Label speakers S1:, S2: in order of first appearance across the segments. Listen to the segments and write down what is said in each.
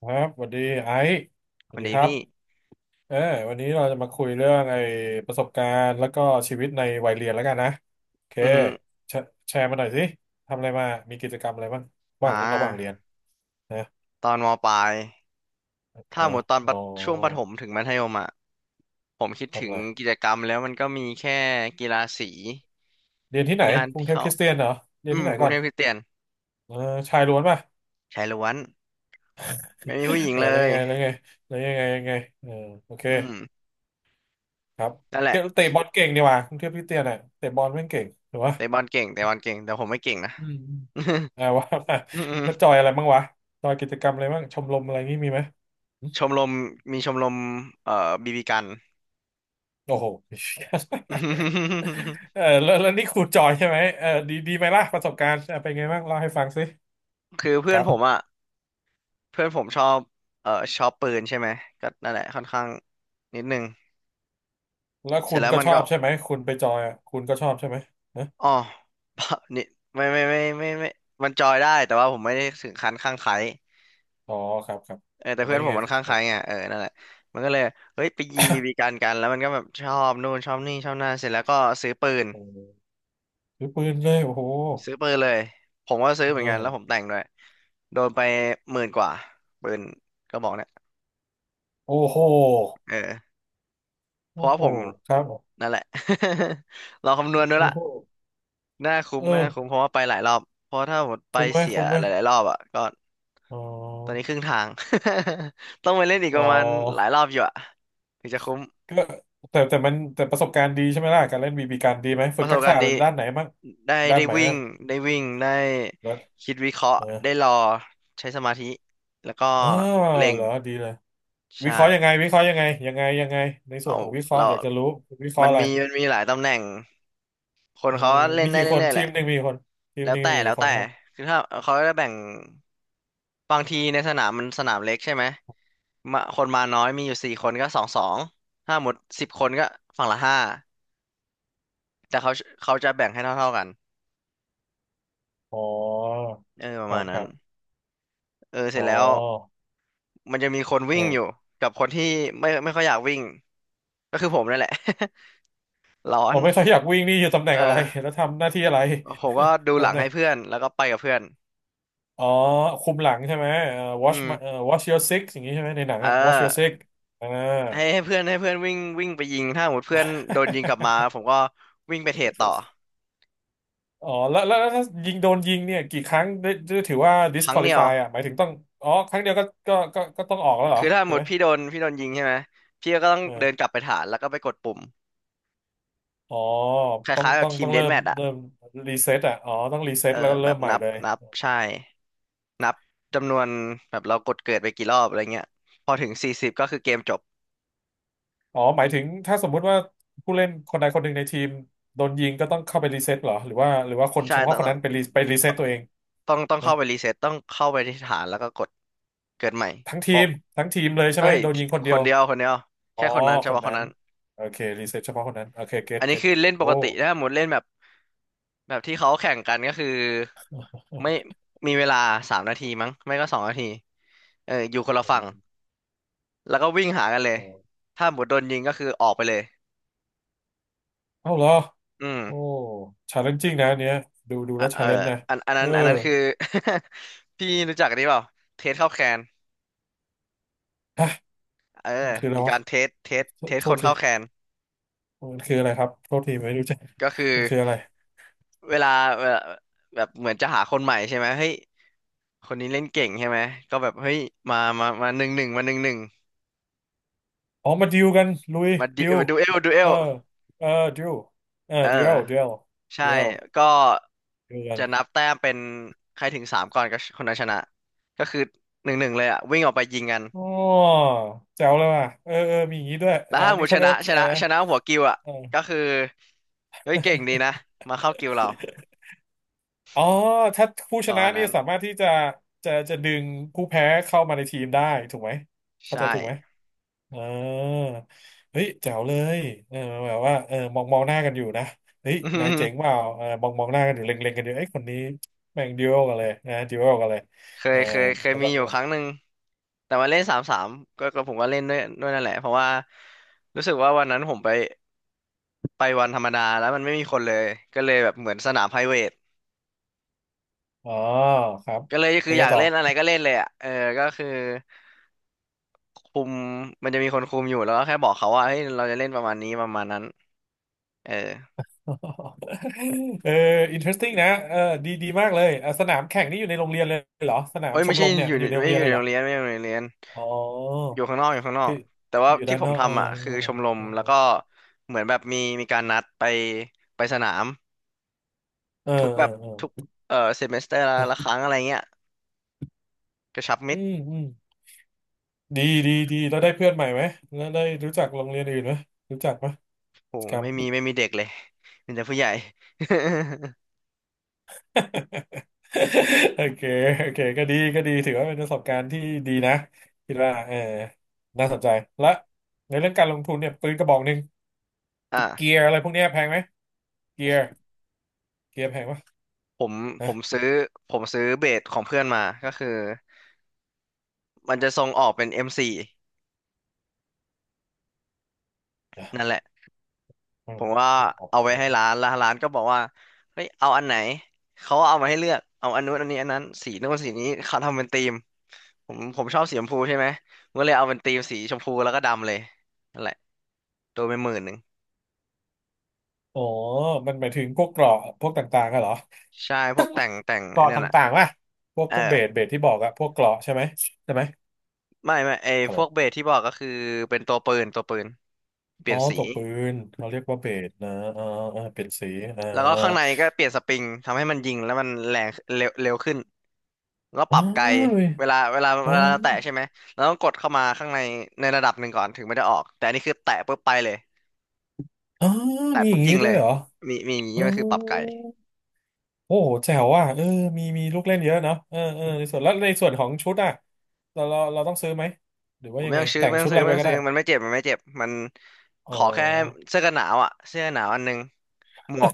S1: ครับสวัสดีไอซ์ส
S2: ค
S1: วัส
S2: น
S1: ดี
S2: ดี
S1: ครับ
S2: พี่
S1: เออวันนี้เราจะมาคุยเรื่องไอ้ประสบการณ์แล้วก็ชีวิตในวัยเรียนแล้วกันนะโอเค
S2: อือฮึ
S1: แชแชร์มาหน่อยสิทำอะไรมามีกิจกรรมอะไรบ้างระห
S2: อ่
S1: ว่างระหว่างเรีย
S2: า
S1: นนะ
S2: ตอนมปลาย ถ้า
S1: นะ
S2: หมดตอนป
S1: อ๋อ
S2: ระช่วงประถมถึงมัธยมอ่ะผมคิดถึ
S1: ทำ
S2: ง
S1: อะไร
S2: กิจกรรมแล้วมันก็มีแค่กีฬาสี
S1: เรียนที่ไห
S2: มี
S1: น
S2: งาน
S1: กรุง
S2: ที่
S1: เทพ
S2: เขา
S1: คริสเตียนเหรอเรียน
S2: อื
S1: ที่
S2: ม
S1: ไหน
S2: กรุ
S1: ก่อ
S2: ง
S1: น
S2: เทพคริสเตียน
S1: เออชายล้วนป่ะ
S2: ชายล้วนไม่ มีผู้หญิง
S1: เออ
S2: เล
S1: แล้วยั
S2: ย
S1: งไงแล้วยังไงแล้วยังไงยังไงเออโอเค
S2: อืม
S1: ครับ
S2: นั่นแห
S1: เก
S2: ละ
S1: เตะบอลเก่งดีว่ยกรุงเทพคริสเตียนอ่ะเตะบอลแม่งเก่งถูกปะ
S2: เตะบอลเก่งเตะบอลเก่งแต่ผมไม่เก่งนะ
S1: อืม อ่าว่า มา
S2: อืม
S1: แล้วจอยอะไรบ้างวะจอยกิจกรรมอะไรบ้างชมรมอะไรงี้มีไหมหึ
S2: ๆชมรมมีชมรมบีบีกัน
S1: โอ้โห เออแล้วนี่คุณจอยใช่ไหมเออดีดีไหมล่ะประสบการณ์เออเป็นไงบ้างเล่าให้ฟังสิ
S2: คือเพื่
S1: ค
S2: อน
S1: รั
S2: ผม
S1: บ
S2: อ่ะเพื่อนผมชอบเอ่อชอบปืนใช่ไหมก็นั่นแหละค่อนข้างนิดนึง
S1: แล้ว
S2: เส
S1: คุ
S2: ร็จ
S1: ณ
S2: แล้ว
S1: ก็
S2: มั
S1: ช
S2: น
S1: อ
S2: ก็
S1: บใช่ไหมคุณไปจอยอ่ะคุณก็ชอบใช่ไหมนะ
S2: อ๋อ นี่ไม่มันจอยได้แต่ว่าผมไม่ได้ถึงขั้นข้างไคล้
S1: อ๋อครับครับ
S2: เออแต่
S1: แล้ว
S2: เพื่อน
S1: ยั
S2: ผ
S1: งไง
S2: มมันข้าง
S1: ค
S2: ไค
S1: รั
S2: ล้
S1: บ
S2: ไงเออนั่นแหละมันก็เลยเฮ้ยไปยิงบีบีกันแล้วมันก็แบบชอบนู่นชอบนี่ชอบนั่นเสร็จแล้วก็ซื้อปืน
S1: เออถือปืนเลยโอ้โห
S2: ซื้อปืนเลยผมก็ซื้อเห
S1: เอ
S2: มื
S1: อ
S2: อนกันแล้วผมแต่งด้วยโดนไปหมื่นกว่าปืนก็บอกเนี่ย
S1: โอ้โห
S2: เออเพ
S1: โอ้
S2: ราะว่า
S1: โห
S2: ผม
S1: ครับ
S2: นั่นแหละ เราคำนวณด้วย
S1: โอ้
S2: ละ
S1: โห
S2: น่าคุ้
S1: เอ
S2: มน่าคุ้ม
S1: อ
S2: เพราะว่าไปหลายรอบเพราะถ้าหมดไป
S1: คุ้มไหม
S2: เสีย
S1: คุ้มไหม
S2: หลายๆรอบอ่ะก็
S1: อ๋
S2: ตอน
S1: อ
S2: นี้ครึ่งทาง ต้องไปเล่นอีก
S1: อ๋
S2: ป
S1: อ
S2: ระมาณหลายรอบอยู่อ่ะถึงจะคุ้ม
S1: ก็แต่ประสบการณ์ดีใช่ไหมล่ะการเล่นบีบีกันดีไหม
S2: ป
S1: ฝึก
S2: ระส
S1: ทั
S2: บ
S1: ก
S2: กา
S1: ษะ
S2: รณ์
S1: อะไร
S2: ดี
S1: ด้านไหนบ้าง
S2: ได้
S1: ด้าน
S2: ได้
S1: ไหน
S2: วิ่
S1: บ้า
S2: ง
S1: ง
S2: ได้วิ่งได้
S1: แล้ว
S2: คิดวิเคราะห์
S1: เออ
S2: ได้รอใช้สมาธิแล้วก็
S1: อ๋อ
S2: เล็ง
S1: เหรอดีเลยวิ
S2: ใช่
S1: เคราะห์ยังไงวิเคราะห์ยังไงยังไงยังไงในส่วน
S2: เอา
S1: ของวิเคราะห์
S2: เรา
S1: อยากจะรู้วิเคราะห์อะไร
S2: มันมีหลายตำแหน่ง ค
S1: เอ
S2: น
S1: อ
S2: เขาเล่น
S1: มี
S2: ได้
S1: กี่คน
S2: เรื่อยๆ
S1: ที
S2: แหละ
S1: มหนึ่งมีกี่คนทีม
S2: แล้
S1: ห
S2: ว
S1: นึ่ง
S2: แต่
S1: มี
S2: แล้
S1: กี่
S2: ว
S1: ค
S2: แต่
S1: นครับ
S2: คือถ้าเขาจะแบ่งบางทีในสนามมันสนามเล็กใช่ไหมมาคนมาน้อยมีอยู่สี่คนก็สองสองถ้าหมดสิบคนก็ฝั่งละห้าแต่เขาเขาจะแบ่งให้เท่าๆกัน
S1: อ๋อ
S2: เออป
S1: ค
S2: ระ
S1: รั
S2: มาณ
S1: บค
S2: นั้
S1: รั
S2: น
S1: บ
S2: เออเส
S1: อ๋
S2: ร็
S1: อ
S2: จแล้วมันจะมีคน
S1: เอ
S2: วิ่งอ
S1: อ
S2: ยู่กับคนที่ไม่ค่อยอยากวิ่ง ก็คือผมนั่นแหละ ร้อ
S1: ผ
S2: น
S1: มไม่ค่อยอยากวิ่งนี่อยู่ตำแหน่ง
S2: เออ
S1: อะไร แล้วทำหน้าที่อะไร
S2: ผมก็ดู หลั
S1: ตำ
S2: ง
S1: แหน่
S2: ให้
S1: ง
S2: เพื่อนแล้วก็ไปกับเพื่อน
S1: อ๋อคุมหลังใช่ไหม
S2: อื
S1: watch my-
S2: ม
S1: watch your six อย่างนี้ใช่ไหมในหนัง
S2: เออ
S1: อะ watch your six อ่า
S2: ให้เพื่อนวิ่งวิ่งไปยิงถ้าหมดเพื่อนโดนยิงกลับมา ผมก็วิ่งไปเทรดต่อ
S1: อ๋อแล้วถ้ายิงโดนยิงเนี่ยกี่ครั้งได้ถือว่า
S2: ครั้งเดียว
S1: disqualify อ่ะหมายถึงต้องอ๋อครั้งเดียวก็ต้องออกแล้วเหรอ
S2: คือถ้า
S1: ถู
S2: หม
S1: กไห
S2: ด
S1: ม
S2: พี่โดนยิงใช่ไหมพี่ก็ต้อง
S1: เอ
S2: เดิ
S1: อ
S2: นกลับไปฐานแล้วก็ไปกดปุ่ม
S1: อ๋อ
S2: ค
S1: ต้อง
S2: ล้ายๆแบ
S1: ต้อ
S2: บ
S1: ง
S2: ที
S1: ต้
S2: ม
S1: อง
S2: เด
S1: เริ่
S2: ธ
S1: ม
S2: แมทอะ
S1: เริ่มรีเซ็ตอ่ะอ๋อต้องรีเซ็ต
S2: เออ
S1: แล้วก็
S2: แบ
S1: เริ่ม
S2: บ
S1: ใหม่
S2: นับ
S1: เลย
S2: นับใช่นับจำนวนแบบเรากดเกิดไปกี่รอบอะไรเงี้ยพอถึงสี่สิบก็คือเกมจบ
S1: อ๋อหมายถึงถ้าสมมุติว่าผู้เล่นคนใดคนหนึ่งในทีมโดนยิงก็ต้องเข้าไปรีเซ็ตเหรอหรือว่าคน
S2: ใช่
S1: เฉพาะ
S2: ต้อง
S1: คน
S2: ต้อ
S1: นั้
S2: ง
S1: นไปรีเซ็ตตัวเอง
S2: ต้องต้อง
S1: นะ
S2: เข้าไปรีเซ็ตต้องเข้าไปที่ฐานแล้วก็กดเกิดใหม่
S1: ทั้งทีม
S2: โปะ
S1: ทั้งทีมเลยใช่
S2: เอ้
S1: ไหม
S2: ย
S1: โดน
S2: ที่
S1: ยิงคนเดี
S2: ค
S1: ย
S2: น
S1: ว
S2: เดียวคนเดียว
S1: อ๋
S2: แค่
S1: อ
S2: คนนั้นเฉ
S1: คน
S2: พาะค
S1: นั้
S2: น
S1: น
S2: นั้น
S1: โอเครีเซ็ตเฉพาะคนนั้นโอเคเก็ต
S2: อันนี้
S1: เก็ต
S2: คือเล่นป
S1: โอ้
S2: กติถ้าหมดเล่นแบบแบบที่เขาแข่งกันก็คือไม่มีเวลาสามนาทีมั้งไม่ก็สองนาทีเออคนละฝั่งแล้วก็วิ่งหากันเลยถ้าหมดโดนยิงก็คือออกไปเลย
S1: เอ้าเหรอ
S2: อื
S1: โอ้
S2: ม
S1: ชาเลนจิ้งนะอันเนี้ยดูดู
S2: อ่ะ
S1: แล้ว
S2: เอ
S1: ชา
S2: อ
S1: เลนจ์นะ
S2: อันอัน
S1: เอ
S2: นั้
S1: อ
S2: นอันนั้นคือ พี่รู้จักอันนี้เปล่าเทสเข้าแคน
S1: ฮะ
S2: เออ
S1: มันคืออะไร
S2: มี
S1: วะ
S2: การเทสเทส
S1: โท
S2: เท
S1: ษ
S2: ส
S1: โท
S2: ค
S1: ษ
S2: น
S1: ที
S2: เข้าแคน
S1: มันคืออะไรครับโทษทีไม่รู้จัก
S2: ก็คือ
S1: มันคืออะไร
S2: เวลาเวลาแบบเหมือนจะหาคนใหม่ใช่ไหมเฮ้ยคนนี้เล่นเก่งใช่ไหมก็แบบเฮ้ยมาหนึ่งหนึ่งมาหนึ่งหนึ่ง
S1: อ๋อมาดิวกันลุย
S2: มาดิ
S1: ดิว
S2: มาดูเอ
S1: เออ
S2: ล
S1: เออดิวเออ
S2: เออ
S1: ดิวดิวดิ
S2: ใช่
S1: ว
S2: ก็
S1: ดิวกัน
S2: จะนับแต้มเป็นใครถึงสามก่อนก็คนนั้นชนะก็คือหนึ่งหนึ่งเลยอ่ะวิ่งออกไปยิงกัน
S1: อ๋อแจ๋วเลยว่ะเออเออมีอย่างนี้ด้วย
S2: แล้
S1: อ๋
S2: ว
S1: อ
S2: ถ้าห
S1: นี่
S2: มู
S1: เขา
S2: ช
S1: เรียก
S2: นะ
S1: ว่า
S2: ช
S1: อะ
S2: นะ
S1: ไรนะ
S2: ชนะหัวกิวอ่ะ
S1: เออ
S2: ก็คือเฮ้ยเก่งดีนะมาเข้ากิวเรา
S1: อ๋อถ้าผู้
S2: ป
S1: ช
S2: ระ
S1: นะ
S2: มาณ
S1: นี่
S2: นั้น
S1: สามารถที่จะจะดึงผู้แพ้เข้ามาในทีมได้ถูกไหมเข้าใจ
S2: ใช่
S1: ถูกไหม เออเฮ้ยแจ๋วเลยเออแบบว่าเออมองมองหน้ากันอยู่นะเฮ้ย
S2: อื
S1: นายเจ๋ง
S2: ม
S1: เปล่าเออมองมองหน้ากันอยู่เล็งเล็งกันอยู่เอ้ยคนนี้แม่งดิวกันเลยนะดิวกันเลย
S2: เค
S1: เอ
S2: ย
S1: อ
S2: เคยเคย
S1: แล้ว
S2: มี
S1: ก็
S2: อยู่ครั้งหนึ่งแต่มาเล่นสามสามก็ก็ผมก็เล่นด้วยนั่นแหละเพราะว่ารู้สึกว่าวันนั้นผมไปวันธรรมดาแล้วมันไม่มีคนเลยก็เลยแบบเหมือนสนามไพรเวท
S1: อ๋อครับ
S2: ก็เลย
S1: เป็
S2: คื
S1: น
S2: ออ
S1: ไง
S2: ยาก
S1: ต่อ
S2: เล่นอะไรก็เล่นเลยอ่ะเออก็คือคุมมันจะมีคนคุมอยู่แล้วก็แค่บอกเขาว่าเฮ้ยเราจะเล่นประมาณนี้ประมาณนั้นเออ
S1: เออ interesting นะเออดีดีมากเลยอะสนามแข่งนี่อยู่ในโรงเรียนเลยเหรอสนาม
S2: เอ้ย
S1: ช
S2: ไม่
S1: มร
S2: ใช่
S1: มเนี่ย
S2: อ
S1: มั
S2: ยู่
S1: นอ
S2: ใน
S1: ยู่ในโร
S2: ไม่
S1: ง
S2: ใช่
S1: เรีย
S2: อ
S1: น
S2: ยู่
S1: เลย
S2: ใน
S1: เหร
S2: โร
S1: อ
S2: งเรียนไม่ใช่อยู่ในโรงเรียน
S1: อ๋
S2: อ
S1: อ
S2: ยู่ข้างนอกอยู่ข้างนอ
S1: คื
S2: ก
S1: อ
S2: แต่ว่า
S1: อยู่
S2: ที่
S1: ด้าน
S2: ผ
S1: น
S2: ม
S1: อกอ
S2: ทำอ่ะคือชมรมแล้วก็เหมือนแบบมีการนัดไปสนาม
S1: เออ
S2: ทุก
S1: เอ
S2: แบ
S1: อ
S2: บ
S1: เออ
S2: ทุก
S1: เออ
S2: เออเซมิสเตอร์ละค
S1: เออ
S2: รั้งอะไรเงี้ยกระชับ
S1: อื
S2: มิตร
S1: มอืม ดีดีดีแล้วได้เพื่อนใหม่ไหมแล้วได้รู้จักโรงเรียนอื่นไหมรู้จักไหม
S2: โห
S1: กิจกรร
S2: ไม่มี ไม่มีเด็กเลยมีแต่ผู้ใหญ่
S1: โอเคโอเคก็ดีก็ดีถือว่าเป็นประสบการณ์ที่ดีนะคิดว่าเออน่าสนใจและในเรื่องการลงทุนเนี่ยปืนกระบอกหนึ่งเกี
S2: อ่ะ
S1: ยร์อะไรพวกเนี้ยแพงไหมเกียร์เกียร์แพงปะ
S2: ผมผม
S1: นะ
S2: ซื้อผมซื้อเบสของเพื่อนมาก็คือ มันจะทรงออกเป็น M4
S1: นะ
S2: นั่นแหละ
S1: อื
S2: ผ
S1: ม
S2: มว่า
S1: ไม่ออก
S2: เอา
S1: เล
S2: ไว้
S1: ย
S2: ให้ร้านแล้วร้านก็บอกว่าเฮ้ยเอาอันไหนเขาเอามาให้เลือกเอาอันนู้นอันนี้อันนั้นสีนู้นสีนี้เขาทำเป็นธีมผมชอบสีชมพูใช่ไหมผมก็เลยเอาเป็นธีมสีชมพูแล้วก็ดำเลยนั่นแหละโดนไป11,000
S1: อ๋อมันหมายถึงพวกเกราะพวกต่างๆอะเหรอ
S2: ใช่พวกแต่งแต่ง
S1: เก
S2: ไอ้
S1: ราะ
S2: นั่นอ่ะ
S1: ต่างๆวะพวก
S2: เอ
S1: พ
S2: อ
S1: วกเบสเบสที่บอกอะพวกเกราะใช่ไหมใช่ไหม
S2: ไม่
S1: ฮัลโห
S2: พวกเบ
S1: ล
S2: สที่บอกก็คือเป็นตัวปืนเป
S1: อ๋
S2: ลี่
S1: อ
S2: ยนสี
S1: ตัวปืนเขาเรียกว่าเบสนะอ่าอ่าเป็นสีอ่า
S2: แล้วก็ข้างในก็เปลี่ยนสปริงทำให้มันยิงแล้วมันแรงเร็วเร็วขึ้น แล้วป
S1: อ๋อ
S2: รับไกล
S1: เว้ยอ๋อ
S2: เวลาเราแตะใช่ไหมเราต้องกดเข้ามาข้างในในระดับหนึ่งก่อนถึงไม่ได้ออกแต่อันนี้คือแตะปุ๊บไปเลย
S1: อ๋อ
S2: แตะ
S1: มีอ
S2: ปุ๊
S1: ย่า
S2: บ
S1: งนี้
S2: ยิง
S1: ด้
S2: เล
S1: วย
S2: ย
S1: เหรอ
S2: มีอย่าง
S1: อ๋
S2: นี้
S1: อ
S2: มันคือปรับไกล
S1: โอ้โหแจ๋วอ่ะเออมีมีลูกเล่นเยอะเนาะเออเออในส่วนแล้วในส่วนของชุดอ่ะเราต้องซื้อไหมหรือ
S2: ผ
S1: ว่า
S2: ม
S1: ยัง
S2: ไม่
S1: ไง
S2: ต้องซื้อ
S1: แต่ง
S2: ไม่ต้
S1: ชุ
S2: อง
S1: ดอะ
S2: ซื้อ
S1: ไรไป
S2: ไม่ต้อง
S1: ก็
S2: ซื้
S1: ได้
S2: อมันไม่เจ็บมันไม่เจ็บมัน
S1: อ๋
S2: ข
S1: อ
S2: อแค่เสื้อกันหนาวอ่ะเสื้อกันหนาวอันหนึงหมวก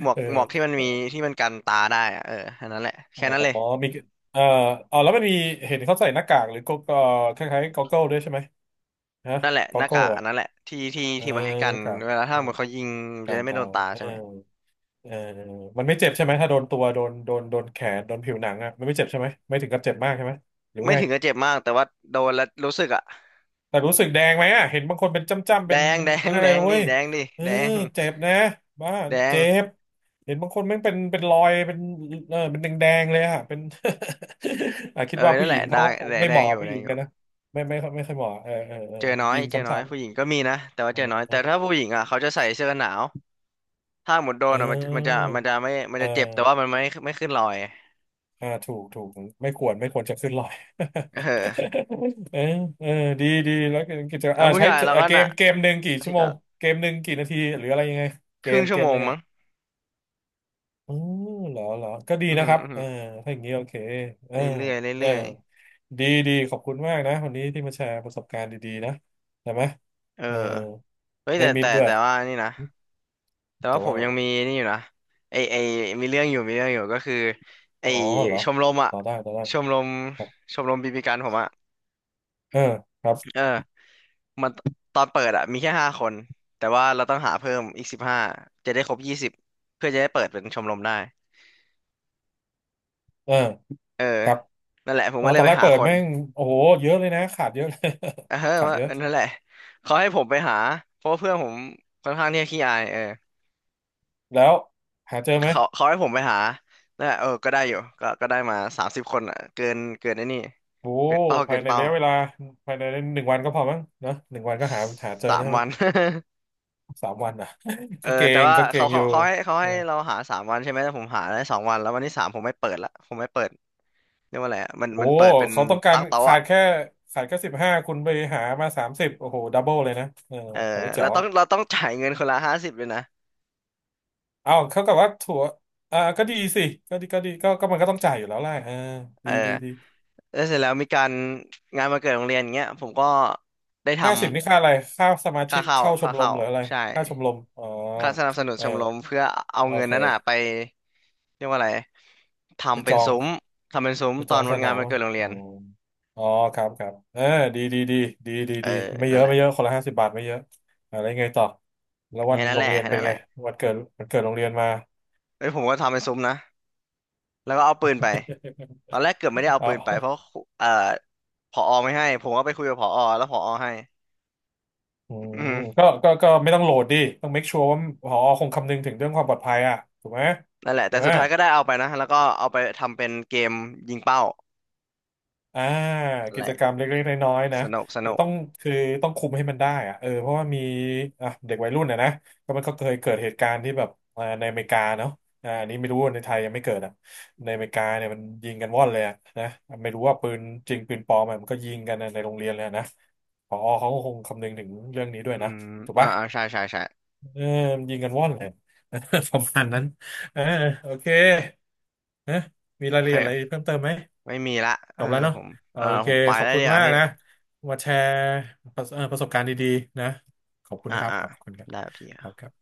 S1: เอ
S2: หม
S1: อ
S2: วกที่มันมีที่มันกันตาได้อะเอออันนั้นแหละ
S1: อ๋อ
S2: แค่นั้นเลย
S1: อ๋อมีเอ่ออ๋อแล้วมันมีเห็นเขาใส่หน้ากากหรือก็ก็คล้ายๆก็อ g เกิลด้วยใช่ไหมฮะ
S2: นั่นแหละ
S1: ก็
S2: ห
S1: อ g
S2: น้า
S1: เกิล
S2: กากอั
S1: อ่ะ
S2: นนั้นแหละ
S1: เออ
S2: ที่ไว้กั
S1: ห
S2: น
S1: น้ากาก
S2: เวลาถ้าเหมือนเขายิงมันจะ
S1: การ
S2: ได้ไม่โด
S1: เตา
S2: นตา
S1: เอ
S2: ใช่ไหม
S1: อเออมันไม่เจ็บใช่ไหมถ้าโดนตัวโดนโดนแขนโดนผิวหนังอ่ะมันไม่เจ็บใช่ไหมไม่ถึงกับเจ็บมากใช่ไหมหรือว่า
S2: ไม่
S1: ไง
S2: ถึงกับเจ็บมากแต่ว่าโดนแล้วรู้สึกอ่ะ
S1: แต่รู้สึกแดงไหมอ่ะเห็นบางคนเป็นจ้ำๆ
S2: แด
S1: เป็น
S2: งแดง
S1: อะไร
S2: แด
S1: เลย
S2: งดิ
S1: เว้ย
S2: แดงดิ
S1: เออ
S2: แดง
S1: เจ็บนะบ้า
S2: แดง
S1: เจ็บเห็นบางคนแม่งเป็นรอยเป็นเออเป็นแดงๆเลยอ่ะเป็น อ่ะคิ
S2: เอ
S1: ด
S2: อ
S1: ว่าผู้
S2: นั่น
S1: ห
S2: แห
S1: ญิ
S2: ละ
S1: ง
S2: แด
S1: เขาก็
S2: ง
S1: คง
S2: แดง
S1: ไม่
S2: แด
S1: เห
S2: ง
S1: มาะ
S2: อยู่
S1: ผู้
S2: แด
S1: หญิ
S2: ง
S1: ง
S2: อยู่
S1: กันนะไม่ไม่ค่อยเหมาะเออเออเออ
S2: เจอน้อย
S1: ยิง
S2: เจ
S1: ซ้
S2: อน้อยผู้หญิงก็มีนะ
S1: ำ
S2: แต่
S1: ๆ
S2: ว่า
S1: เออ
S2: เจอน้อย
S1: เออ
S2: แต่ถ้าผู้หญิงอ่ะเขาจะใส่เสื้อกันหนาวถ้าหมดโดนอ่ะมันจะไม่มัน
S1: เออ
S2: จะเจ็บ แต่ว่ามันไม่ไม่ขึ้นรอย
S1: อ่าถูกไม่ควรจะขึ้นลอย
S2: เออ
S1: เออเออดีดีแล้วกิจกรรม
S2: แล้ว
S1: อ่า
S2: ผู้
S1: ใช้
S2: ชายเราก็
S1: เกม
S2: น่ะ
S1: เกมหนึ่งกี่
S2: บาง
S1: ชั่
S2: ที
S1: วโม
S2: ก็
S1: งเกมหนึ่งกี่นาทีหรืออะไรยังไงเก
S2: ครึ่
S1: ม
S2: งชั่
S1: เก
S2: ว
S1: ม
S2: โม
S1: ห
S2: ง
S1: นึ่งอ่ะ
S2: มั้ง
S1: อืมเหรอเหรอก็ดี
S2: อือ
S1: นะ
S2: หื
S1: ค
S2: อ
S1: รับ
S2: อือ
S1: เอ
S2: หื
S1: อ
S2: อ
S1: ถ้าอย่างนี้โอเคเอ
S2: เร
S1: อ
S2: ื่อยๆ
S1: เออ
S2: เรื่อย
S1: ดีดีขอบคุณมากนะวันนี้ที่มาแชร์ประสบการณ์ดีๆนะได้ไหม
S2: ๆเออ
S1: เออ
S2: เฮ้ย
S1: ได้มิตรด้วย
S2: แต่ว่านี่นะแต่
S1: แต่
S2: ว่าผ
S1: ว่า
S2: ม
S1: อะไร
S2: ยังมีนี่อยู่นะไอมีเรื่องอยู่ ก็คือไอ
S1: อ๋อเหรอ
S2: ชมรมอะ
S1: ต่อได้ต่อได้
S2: ชมรม
S1: ครับ
S2: ชมรมบีบีกันผมอ่ะ
S1: เออครั
S2: เอ
S1: บ
S2: อมันตอนเปิดอะมีแค่ห้าคนแต่ว่าเราต้องหาเพิ่มอีก15จะได้ครบ20เพื่อจะได้เปิดเป็นชมรมได้
S1: เออ
S2: เออ
S1: ครับ
S2: นั่นแหละผม
S1: อ๋อ
S2: ก็เล
S1: ตอ
S2: ย
S1: น
S2: ไป
S1: แรก
S2: หา
S1: เปิด
S2: คน
S1: แม่งโอ้โหเยอะเลยนะขาดเยอะเลย
S2: เออ
S1: ขาด
S2: ว่า
S1: เยอะ
S2: เออนั่นแหละเขาให้ผมไปหาเพราะว่าเพื่อนผมค่อนข้างที่จะขี้อายเออ
S1: แล้วหาเจอไหม
S2: เขาให้ผมไปหานั่นแหละเออก็ได้อยู่ก็ก็ได้มา30คนอะเกินไอ้นี่
S1: โอ้โห
S2: เกินเป้า
S1: ภา
S2: เกิ
S1: ย
S2: น
S1: ใน
S2: เป้า
S1: ระยะเวลาภายในหนึ่งวันก็พอมั้งเนอะหนึ่งวันก็หาหาเจอ
S2: สา
S1: แล้ว
S2: ม
S1: ใช่ไหม
S2: วัน
S1: สามวันอ่ะ
S2: เอ
S1: ก็
S2: อ
S1: เก่
S2: แต่
S1: ง
S2: ว่า
S1: ก็เก่งอยู่
S2: เขา
S1: เออ
S2: ให้เราหาสามวันใช่ไหมแต่ผมหาได้สองวันแล้ววันที่สามผมไม่เปิดละผมไม่เปิด เรียกว่าอะไรอะมัน
S1: โอ้
S2: มัน
S1: โห
S2: เปิดเป็น
S1: เขาต้องการ
S2: ตั้งโต๊ะ
S1: ขา
S2: อะ
S1: ดแค่ขาดแค่15คุณไปหามา30โอ้โหดับเบิลเลยนะเออ
S2: เออ
S1: แต่ว่าแจ๋
S2: แล้ว
S1: ว
S2: ต้อ
S1: อะ
S2: งเราต้องจ่ายเงินคนละ50เลยนะ
S1: เอาเขากับว่าถั่วอ่าก็ดีสิก็ดีก็ดีก็มันก็ต้องจ่ายอยู่แล้วแหละเออ
S2: เออ
S1: ดีดีดี
S2: แล้วเสร็จแล้วมีการงานวันเกิดโรงเรียนอย่างเงี้ยผมก็ได้ท
S1: ห้าสิบนี่ค่าอะไร
S2: ำ
S1: ค่าสมาชิกเข้าช
S2: ค่า
S1: มร
S2: เข้า
S1: มหรืออะไร
S2: ใช่
S1: ค่าชมรมอ๋อ
S2: ค่าสนับสนุน
S1: เอ
S2: ช
S1: อ
S2: มรมเพื่อเอา
S1: โอ
S2: เงิน
S1: เค
S2: นั้นอ่ะไปเรียกว่าอะไร
S1: ไป
S2: ทำ
S1: จ
S2: เป็น
S1: อง
S2: ซุ้มทำเป็นซุ้ม
S1: ไปจ
S2: ตอ
S1: อ
S2: น
S1: งส
S2: วัน
S1: นา
S2: งาน
S1: ม
S2: วัน
S1: อ่ะ
S2: เกิดโรง
S1: อ๋
S2: เรี
S1: อ
S2: ยน
S1: อ๋อครับครับเออดีดีดีดีดี
S2: เออ
S1: ดีไม่เย
S2: นั่น
S1: อะ
S2: แหละ
S1: ไม่เยอะคนละ50 บาทไม่เยอะอะไรไงต่อแล้ววั
S2: แค่
S1: น
S2: นั้น
S1: โร
S2: แห
S1: ง
S2: ละ
S1: เรียน
S2: แค่
S1: เป็น
S2: นั้นแห
S1: ไง
S2: ละ
S1: วันเกิดวันเกิดโรงเรียนมา
S2: เอ้ยผมก็ทำเป็นซุ้มนะแล้วก็เอาปืนไปตอนแรกเกือบไม่ได้ เอา
S1: เอา
S2: ปืนไปเพราะครูผอไม่ให้ผมก็ไปคุยกับผอแล้วผอให้
S1: อื
S2: อื
S1: ม
S2: ม
S1: ก็ก็ไม่ต้องโหลดดิต้อง make sure ว่าผอคงคำนึงถึงเรื่องความปลอดภัยอ่ะถูกไหม
S2: นั่นแหละ
S1: ถู
S2: แต่
S1: กไหม
S2: สุดท้ายก็ได้เอาไปนะแล้วก็เอาไปทำเป็นเกมยิงเป้า
S1: อ่า
S2: นั่น
S1: กิ
S2: แห
S1: จ
S2: ละ
S1: กรรมเล็กๆน้อยๆนะ
S2: สนุกส
S1: แต่
S2: นุก
S1: ต้องคือต้องคุมให้มันได้อะเออเพราะว่ามีอ่ะเด็กวัยรุ่นนะนะมันก็เคยเกิดเหตุการณ์ที่แบบอ่าในอเมริกาเนาะอ่าอันนี้ไม่รู้ว่าในไทยยังไม่เกิดอ่ะในอเมริกาเนี่ยมันยิงกันว่อนเลยอะนะไม่รู้ว่าปืนจริงปืนปลอมอะมันก็ยิงกันในโรงเรียนเลยอะนะผอเขาก็คงคำนึงถึงเรื่องนี้ด้วย
S2: อื
S1: นะ
S2: ม
S1: ถูก
S2: อ่า
S1: ปะ
S2: อ่าใช่ใช่ใช่
S1: เออยิงกันว่อนเลย ประมาณนั้นเออโอเคนะมีรา
S2: โอ
S1: ยละเอียดอะไร
S2: เค
S1: เพิ่มเติมไหม
S2: ไม่มีละ
S1: จ
S2: เออ
S1: บแล้วเนาะ
S2: ผม
S1: โอ
S2: เออ
S1: เค
S2: ผมไป
S1: ขอบ
S2: แล้ว
S1: คุณ
S2: เดี๋ยวา
S1: มาก
S2: พี่
S1: นะมาแชร์ประสประสบการณ์ดีๆนะขอบคุณ
S2: อ่า
S1: นะครับ
S2: อ่า
S1: ขอบคุณครับ
S2: ได้พี่
S1: ครับครับ